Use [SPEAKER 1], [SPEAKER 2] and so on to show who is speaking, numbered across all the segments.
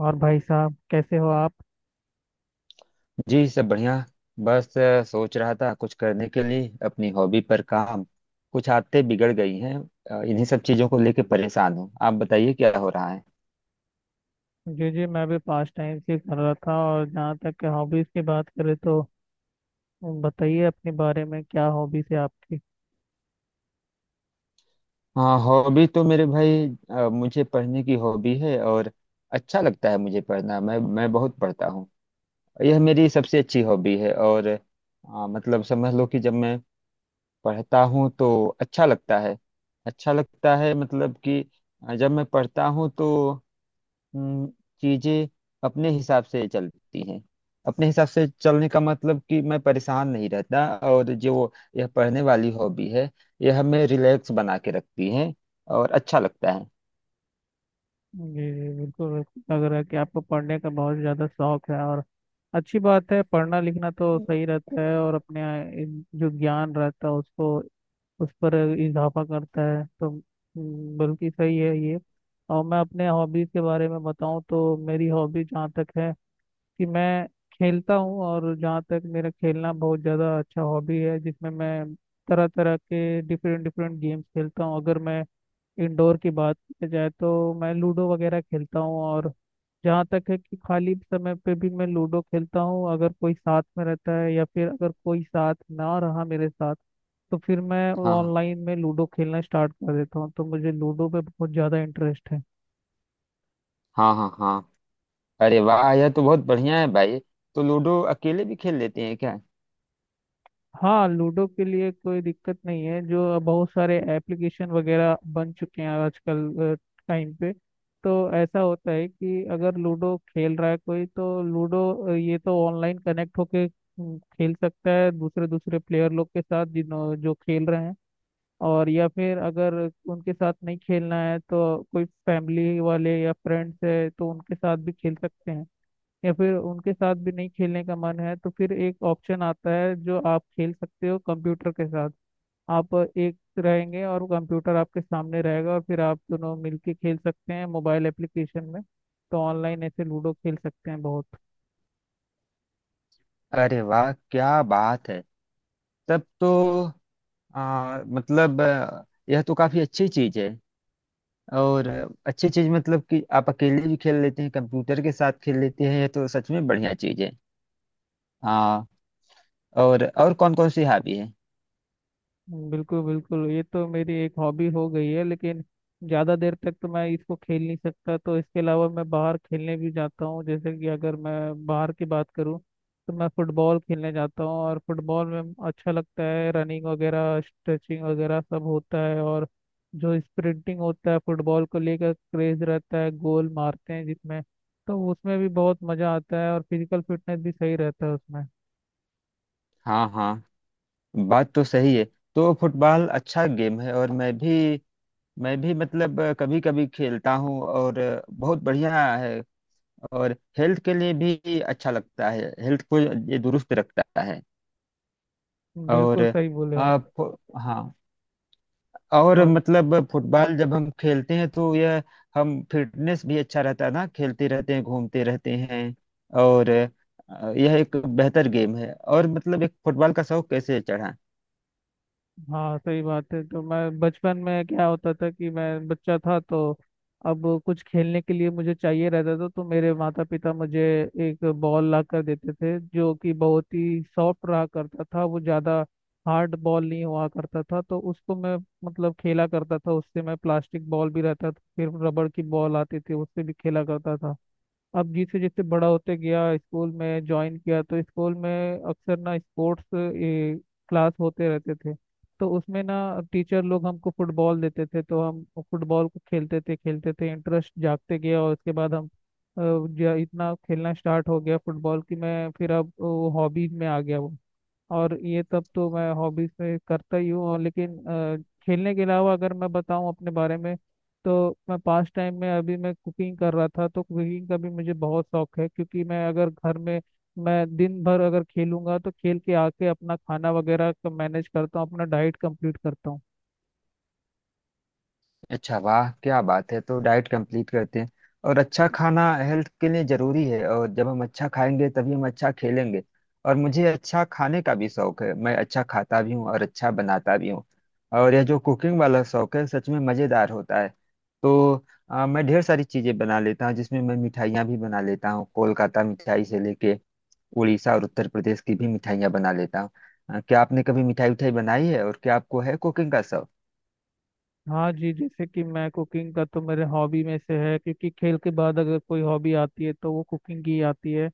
[SPEAKER 1] और भाई साहब कैसे हो आप?
[SPEAKER 2] जी, सब बढ़िया। बस सोच रहा था कुछ करने के लिए, अपनी हॉबी पर काम। कुछ आदतें बिगड़ गई हैं। इन्हीं सब चीजों को लेके परेशान हूँ। आप बताइए, क्या हो रहा है?
[SPEAKER 1] जी जी, मैं भी पास टाइम से कर रहा था, और जहाँ तक के हॉबीज की बात करें तो बताइए अपने बारे में क्या हॉबीज है आपकी?
[SPEAKER 2] हाँ, हॉबी तो मेरे भाई, मुझे पढ़ने की हॉबी है। और अच्छा लगता है मुझे पढ़ना, मैं बहुत पढ़ता हूँ। यह मेरी सबसे अच्छी हॉबी है। और मतलब समझ लो कि जब मैं पढ़ता हूँ तो अच्छा लगता है। अच्छा लगता है, मतलब कि जब मैं पढ़ता हूँ तो हम्म, चीजें अपने हिसाब से चलती हैं। अपने हिसाब से चलने का मतलब कि मैं परेशान नहीं रहता। और जो यह पढ़ने वाली हॉबी है, यह हमें रिलैक्स बना के रखती है, और अच्छा लगता है।
[SPEAKER 1] जी जी, बिल्कुल बिल्कुल, लग रहा है कि आपको पढ़ने का बहुत ज़्यादा शौक है। और अच्छी बात है, पढ़ना लिखना तो सही रहता है, और अपने जो ज्ञान रहता है उसको उस पर इजाफा करता है। तो बल्कि सही है ये। और मैं अपने हॉबीज के बारे में बताऊं तो मेरी हॉबी जहाँ तक है कि मैं खेलता हूँ। और जहाँ तक मेरा खेलना बहुत ज़्यादा अच्छा हॉबी है, जिसमें मैं तरह तरह के डिफरेंट डिफरेंट गेम्स खेलता हूँ। अगर मैं इंडोर की बात की जाए तो मैं लूडो वगैरह खेलता हूँ, और जहाँ तक है कि खाली समय पे भी मैं लूडो खेलता हूँ। अगर कोई साथ में रहता है, या फिर अगर कोई साथ ना रहा मेरे साथ तो फिर मैं
[SPEAKER 2] हाँ,
[SPEAKER 1] ऑनलाइन में लूडो खेलना स्टार्ट कर देता हूँ। तो मुझे लूडो पे बहुत ज़्यादा इंटरेस्ट है।
[SPEAKER 2] हाँ, हाँ, हाँ। अरे वाह, यह तो बहुत बढ़िया है भाई। तो लूडो अकेले भी खेल लेते हैं क्या?
[SPEAKER 1] हाँ, लूडो के लिए कोई दिक्कत नहीं है, जो बहुत सारे एप्लीकेशन वगैरह बन चुके हैं आजकल टाइम पे। तो ऐसा होता है कि अगर लूडो खेल रहा है कोई तो लूडो ये तो ऑनलाइन कनेक्ट होके खेल सकता है दूसरे दूसरे प्लेयर लोग के साथ जिन्हों जो खेल रहे हैं। और या फिर अगर उनके साथ नहीं खेलना है तो कोई फैमिली वाले या फ्रेंड्स है तो उनके साथ भी खेल सकते हैं। या फिर उनके साथ भी नहीं खेलने का मन है तो फिर एक ऑप्शन आता है, जो आप खेल सकते हो कंप्यूटर के साथ। आप एक रहेंगे और कंप्यूटर आपके सामने रहेगा, और फिर आप दोनों मिलके खेल सकते हैं मोबाइल एप्लीकेशन में। तो ऑनलाइन ऐसे लूडो खेल सकते हैं बहुत।
[SPEAKER 2] अरे वाह, क्या बात है! तब तो मतलब यह तो काफी अच्छी चीज है। और अच्छी चीज मतलब कि आप अकेले भी खेल लेते हैं, कंप्यूटर के साथ खेल लेते हैं, ये तो सच में बढ़िया चीज है। हाँ। और कौन कौन सी हॉबी है?
[SPEAKER 1] बिल्कुल बिल्कुल, ये तो मेरी एक हॉबी हो गई है, लेकिन ज़्यादा देर तक तो मैं इसको खेल नहीं सकता। तो इसके अलावा मैं बाहर खेलने भी जाता हूँ, जैसे कि अगर मैं बाहर की बात करूँ तो मैं फुटबॉल खेलने जाता हूँ। और फुटबॉल में अच्छा लगता है, रनिंग वगैरह स्ट्रेचिंग वगैरह सब होता है। और जो स्प्रिंटिंग होता है फुटबॉल को लेकर क्रेज रहता है, गोल मारते हैं जिसमें, तो उसमें भी बहुत मज़ा आता है। और फिजिकल फिटनेस भी सही रहता है उसमें।
[SPEAKER 2] हाँ, हाँ, बात तो सही है। तो फुटबॉल अच्छा गेम है, और मैं भी मतलब कभी कभी खेलता हूँ। और बहुत बढ़िया है। और हेल्थ के लिए भी अच्छा लगता है, हेल्थ को ये दुरुस्त रखता है। और
[SPEAKER 1] बिल्कुल सही बोले आप।
[SPEAKER 2] आप। हाँ। और
[SPEAKER 1] और
[SPEAKER 2] मतलब फुटबॉल जब हम खेलते हैं तो यह, हम फिटनेस भी अच्छा रहता है ना, खेलते रहते हैं, घूमते रहते हैं। और यह एक बेहतर गेम है। और मतलब, एक फुटबॉल का शौक कैसे चढ़ा?
[SPEAKER 1] हाँ, सही बात है। तो मैं बचपन में क्या होता था कि मैं बच्चा था तो अब कुछ खेलने के लिए मुझे चाहिए रहता था, तो मेरे माता पिता मुझे एक बॉल ला कर देते थे, जो कि बहुत ही सॉफ्ट रहा करता था, वो ज़्यादा हार्ड बॉल नहीं हुआ करता था। तो उसको मैं मतलब खेला करता था, उससे मैं प्लास्टिक बॉल भी रहता था, फिर रबड़ की बॉल आती थी, उससे भी खेला करता था। अब जैसे जैसे बड़ा होते गया, स्कूल में ज्वाइन किया, तो स्कूल में अक्सर ना स्पोर्ट्स क्लास होते रहते थे, तो उसमें ना टीचर लोग हमको फुटबॉल देते थे, तो हम फुटबॉल को खेलते थे खेलते थे, इंटरेस्ट जागते गया, और उसके बाद हम इतना खेलना स्टार्ट हो गया फुटबॉल की, मैं फिर अब वो हॉबीज में आ गया वो। और ये सब तो मैं हॉबीज में करता ही हूँ और, लेकिन खेलने के अलावा अगर मैं बताऊँ अपने बारे में तो मैं पास टाइम में अभी मैं कुकिंग कर रहा था, तो कुकिंग का भी मुझे बहुत शौक है। क्योंकि मैं अगर घर में मैं दिन भर अगर खेलूंगा तो खेल के आके अपना खाना वगैरह मैनेज करता हूँ, अपना डाइट कंप्लीट करता हूँ।
[SPEAKER 2] अच्छा, वाह क्या बात है! तो डाइट कंप्लीट करते हैं, और अच्छा खाना हेल्थ के लिए जरूरी है। और जब हम अच्छा खाएंगे, तभी हम अच्छा खेलेंगे। और मुझे अच्छा खाने का भी शौक है, मैं अच्छा खाता भी हूँ और अच्छा बनाता भी हूँ। और यह जो कुकिंग वाला शौक है, सच में मज़ेदार होता है। तो मैं ढेर सारी चीज़ें बना लेता हूँ, जिसमें मैं मिठाइयाँ भी बना लेता हूँ। कोलकाता मिठाई से लेके उड़ीसा और उत्तर प्रदेश की भी मिठाइयाँ बना लेता हूँ। क्या आपने कभी मिठाई उठाई बनाई है, और क्या आपको है कुकिंग का शौक?
[SPEAKER 1] हाँ जी, जैसे कि मैं कुकिंग का तो मेरे हॉबी में से है, क्योंकि खेल के बाद अगर कोई हॉबी आती है तो वो कुकिंग ही आती है।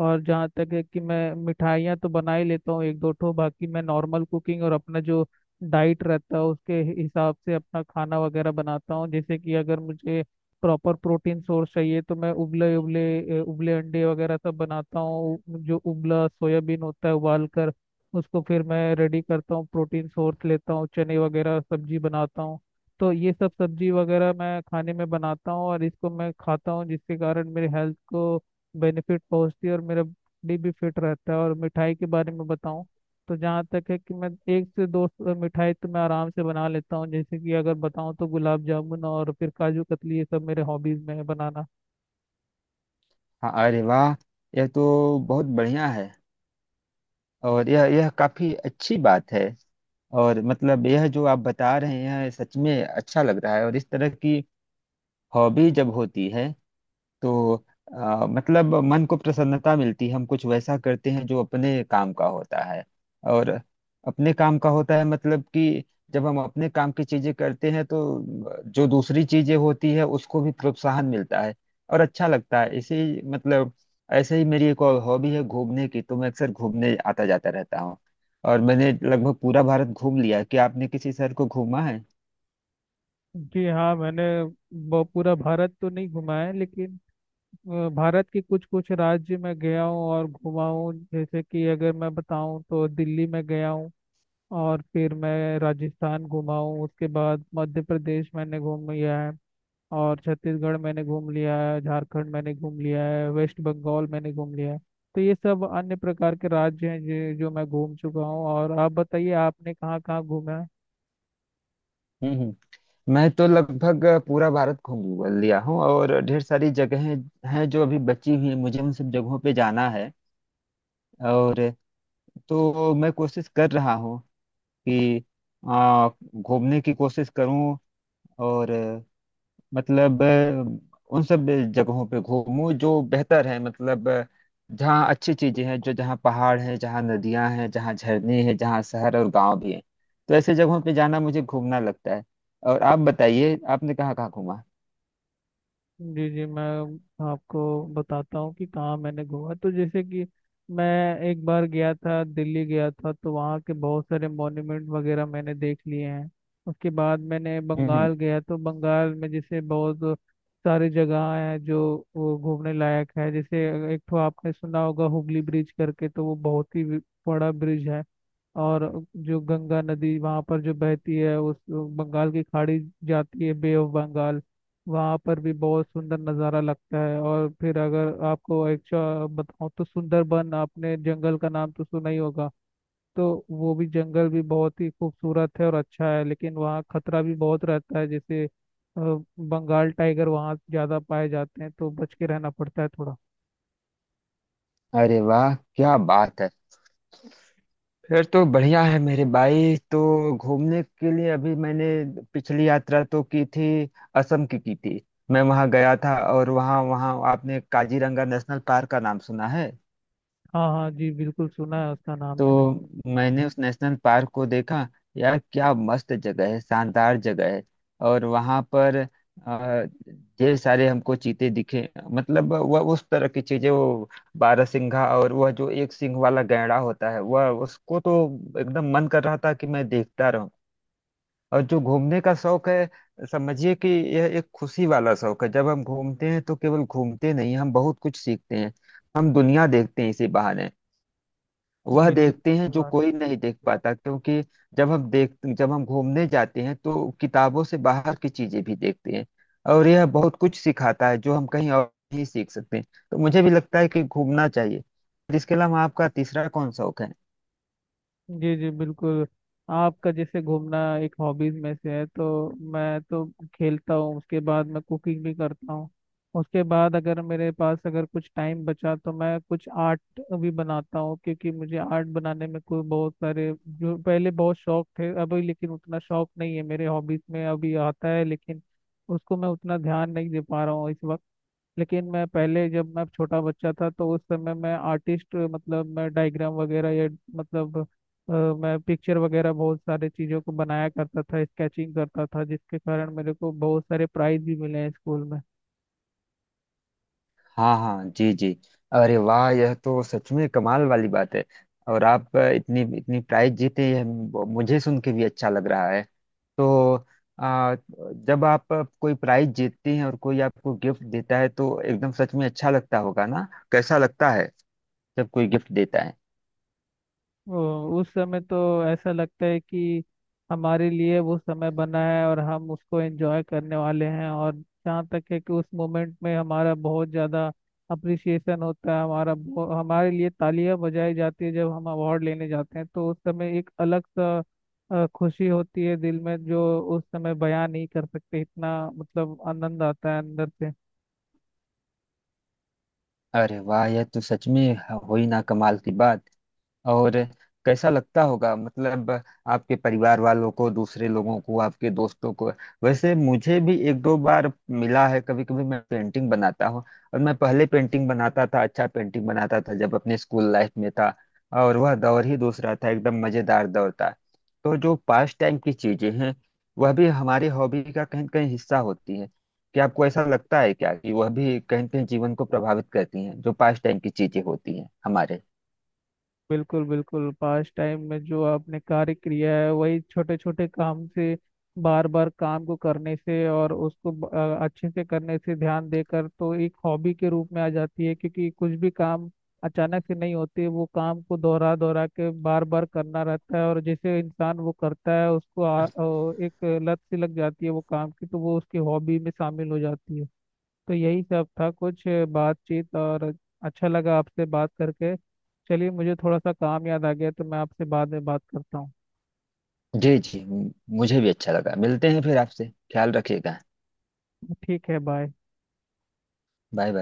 [SPEAKER 1] और जहाँ तक है कि मैं मिठाइयाँ तो बना ही लेता हूँ एक दो ठो, बाकी मैं नॉर्मल कुकिंग और अपना जो डाइट रहता है उसके हिसाब से अपना खाना वगैरह बनाता हूँ। जैसे कि अगर मुझे प्रॉपर प्रोटीन सोर्स चाहिए तो मैं उबले उबले अ, उबले अंडे वगैरह सब बनाता हूँ। जो उबला सोयाबीन होता है उबाल कर उसको फिर मैं रेडी करता हूँ, प्रोटीन सोर्स लेता हूँ, चने वगैरह सब्जी बनाता हूँ। तो ये सब सब्जी वगैरह मैं खाने में बनाता हूँ और इसको मैं खाता हूँ जिसके कारण मेरे हेल्थ को बेनिफिट पहुँचती है और मेरा बॉडी भी फिट रहता है। और मिठाई के बारे में बताऊँ तो जहाँ तक है कि मैं एक से दो मिठाई तो मैं आराम से बना लेता हूँ। जैसे कि अगर बताऊँ तो गुलाब जामुन और फिर काजू कतली, ये सब मेरे हॉबीज में है बनाना।
[SPEAKER 2] हाँ, अरे वाह, यह तो बहुत बढ़िया है। और यह काफी अच्छी बात है। और मतलब यह जो आप बता रहे हैं, सच में अच्छा लग रहा है। और इस तरह की हॉबी जब होती है तो मतलब मन को प्रसन्नता मिलती है। हम कुछ वैसा करते हैं जो अपने काम का होता है। और अपने काम का होता है मतलब कि जब हम अपने काम की चीजें करते हैं तो जो दूसरी चीजें होती है, उसको भी प्रोत्साहन मिलता है, और अच्छा लगता है। इसी मतलब ऐसे ही मेरी एक और हॉबी है घूमने की। तो मैं अक्सर घूमने आता जाता रहता हूँ। और मैंने लगभग पूरा भारत घूम लिया है। क्या आपने किसी शहर को घूमा है?
[SPEAKER 1] जी हाँ, मैंने पूरा भारत तो नहीं घुमा है, लेकिन भारत के कुछ कुछ राज्य में गया हूँ और घुमा हूँ। जैसे कि अगर मैं बताऊँ तो दिल्ली में गया हूँ, और फिर मैं राजस्थान घुमा हूँ, उसके बाद मध्य प्रदेश मैंने घूम लिया है, और छत्तीसगढ़ मैंने घूम लिया है, झारखंड मैंने घूम लिया है, वेस्ट बंगाल मैंने घूम लिया है। तो ये सब अन्य प्रकार के राज्य हैं जो जो मैं घूम चुका हूँ। और आप बताइए आपने कहाँ कहाँ घूमा है?
[SPEAKER 2] हम्म, मैं तो लगभग पूरा भारत घूम लिया हूँ, और ढेर सारी जगहें हैं जो अभी बची हुई हैं, मुझे उन सब जगहों पे जाना है। और तो मैं कोशिश कर रहा हूँ कि आ, घूमने की कोशिश करूँ। और मतलब उन सब जगहों पे घूमूं जो बेहतर है, मतलब जहाँ अच्छी चीजें हैं, जो जहाँ पहाड़ हैं, जहाँ नदियां हैं, जहाँ झरने हैं, जहाँ शहर और गांव भी हैं। तो ऐसे जगहों पे जाना मुझे घूमना लगता है। और आप बताइए, आपने कहाँ कहाँ घूमा?
[SPEAKER 1] जी जी, मैं आपको बताता हूँ कि कहाँ मैंने घूमा। तो जैसे कि मैं एक बार गया था, दिल्ली गया था, तो वहाँ के बहुत सारे मॉन्यूमेंट वगैरह मैंने देख लिए हैं। उसके बाद मैंने
[SPEAKER 2] हम्म,
[SPEAKER 1] बंगाल गया, तो बंगाल में जैसे बहुत सारी जगह है जो वो घूमने लायक है। जैसे एक तो आपने सुना होगा हुगली ब्रिज करके, तो वो बहुत ही बड़ा ब्रिज है। और जो गंगा नदी वहाँ पर जो बहती है उस बंगाल की खाड़ी जाती है बे ऑफ बंगाल, वहाँ पर भी बहुत सुंदर नज़ारा लगता है। और फिर अगर आपको एक्चुअल बताऊँ तो सुंदरबन, आपने जंगल का नाम तो सुना ही होगा, तो वो भी जंगल भी बहुत ही खूबसूरत है और अच्छा है, लेकिन वहाँ खतरा भी बहुत रहता है। जैसे बंगाल टाइगर वहाँ ज़्यादा पाए जाते हैं, तो बच के रहना पड़ता है थोड़ा।
[SPEAKER 2] अरे वाह, क्या बात है! फिर तो बढ़िया है मेरे भाई। तो घूमने के लिए, अभी मैंने पिछली यात्रा तो की थी, असम की थी। मैं वहां गया था। और वहां वहां, आपने काजीरंगा नेशनल पार्क का नाम सुना है?
[SPEAKER 1] हाँ हाँ जी, बिल्कुल सुना है उसका नाम मैंने।
[SPEAKER 2] तो मैंने उस नेशनल पार्क को देखा। यार क्या मस्त जगह है, शानदार जगह है। और वहां पर अ, ढेर सारे हमको चीते दिखे, मतलब वह उस तरह की चीजें, वो बारहसिंघा, और वह जो एक सिंह वाला गैंडा होता है, वह, उसको तो एकदम मन कर रहा था कि मैं देखता रहूं। और जो घूमने का शौक है, समझिए कि यह एक खुशी वाला शौक है। जब हम घूमते हैं तो केवल घूमते नहीं, हम बहुत कुछ सीखते हैं। हम दुनिया देखते हैं इसी बहाने। वह
[SPEAKER 1] बिल्कुल।
[SPEAKER 2] देखते हैं जो कोई नहीं देख पाता, क्योंकि जब हम घूमने जाते हैं तो किताबों से बाहर की चीजें भी देखते हैं। और यह बहुत कुछ सिखाता है, जो हम कहीं और नहीं सीख सकते हैं। तो मुझे भी लगता है कि घूमना चाहिए। इसके अलावा आपका तीसरा कौन शौक है?
[SPEAKER 1] जी जी बिल्कुल, आपका जैसे घूमना एक हॉबीज में से है, तो मैं तो खेलता हूँ, उसके बाद मैं कुकिंग भी करता हूँ, उसके बाद अगर मेरे पास अगर कुछ टाइम बचा तो मैं कुछ आर्ट भी बनाता हूँ। क्योंकि मुझे आर्ट बनाने में कोई बहुत सारे जो पहले बहुत शौक थे अभी, लेकिन उतना शौक नहीं है, मेरे हॉबीज में अभी आता है लेकिन उसको मैं उतना ध्यान नहीं दे पा रहा हूँ इस वक्त। लेकिन मैं पहले जब मैं छोटा बच्चा था तो उस समय मैं आर्टिस्ट मतलब मैं डायग्राम वगैरह, या मतलब मैं पिक्चर वगैरह बहुत सारे चीज़ों को बनाया करता था, स्केचिंग करता था, जिसके कारण मेरे को बहुत सारे प्राइज भी मिले हैं स्कूल में।
[SPEAKER 2] हाँ, हाँ, जी जी। अरे वाह, यह तो सच में कमाल वाली बात है। और आप इतनी इतनी प्राइज जीते, यह मुझे सुन के भी अच्छा लग रहा है। तो आ, जब आप कोई प्राइज जीतती हैं और कोई आपको गिफ्ट देता है, तो एकदम सच में अच्छा लगता होगा ना? कैसा लगता है जब कोई गिफ्ट देता है?
[SPEAKER 1] उस समय तो ऐसा लगता है कि हमारे लिए वो समय बना है और हम उसको एंजॉय करने वाले हैं। और जहाँ तक है कि उस मोमेंट में हमारा बहुत ज़्यादा अप्रिसिएशन होता है, हमारे लिए तालियां बजाई जाती है जब हम अवार्ड लेने जाते हैं। तो उस समय एक अलग सा खुशी होती है दिल में, जो उस समय बयां नहीं कर सकते, इतना मतलब आनंद आता है अंदर से।
[SPEAKER 2] अरे वाह, यह तो सच में, हो ही ना कमाल की बात। और कैसा लगता होगा, मतलब आपके परिवार वालों को, दूसरे लोगों को, आपके दोस्तों को। वैसे मुझे भी एक दो बार मिला है, कभी कभी मैं पेंटिंग बनाता हूँ। और मैं पहले पेंटिंग बनाता था, अच्छा पेंटिंग बनाता था, जब अपने स्कूल लाइफ में था। और वह दौर ही दूसरा था, एकदम मजेदार दौर था। तो जो पास टाइम की चीजें हैं, वह भी हमारी हॉबी का कहीं न कहीं हिस्सा होती है। क्या आपको ऐसा लगता है क्या कि वह भी कहीं न कहीं जीवन को प्रभावित करती हैं, जो पास टाइम की चीजें होती हैं हमारे?
[SPEAKER 1] बिल्कुल बिल्कुल, पास टाइम में जो आपने कार्य किया है वही छोटे छोटे काम से बार बार काम को करने से, और उसको अच्छे से करने से, ध्यान देकर, तो एक हॉबी के रूप में आ जाती है। क्योंकि कुछ भी काम अचानक से नहीं होते, वो काम को दोहरा दोहरा के बार बार करना रहता है। और जैसे इंसान वो करता है उसको एक लत सी लग जाती है वो काम की, तो वो उसकी हॉबी में शामिल हो जाती है। तो यही सब था कुछ बातचीत, और अच्छा लगा आपसे बात करके। चलिए, मुझे थोड़ा सा काम याद आ गया, तो मैं आपसे बाद में बात करता हूँ।
[SPEAKER 2] जी जी। मुझे भी अच्छा लगा, मिलते हैं फिर आपसे। ख्याल रखिएगा।
[SPEAKER 1] ठीक है, बाय।
[SPEAKER 2] Bye, bye.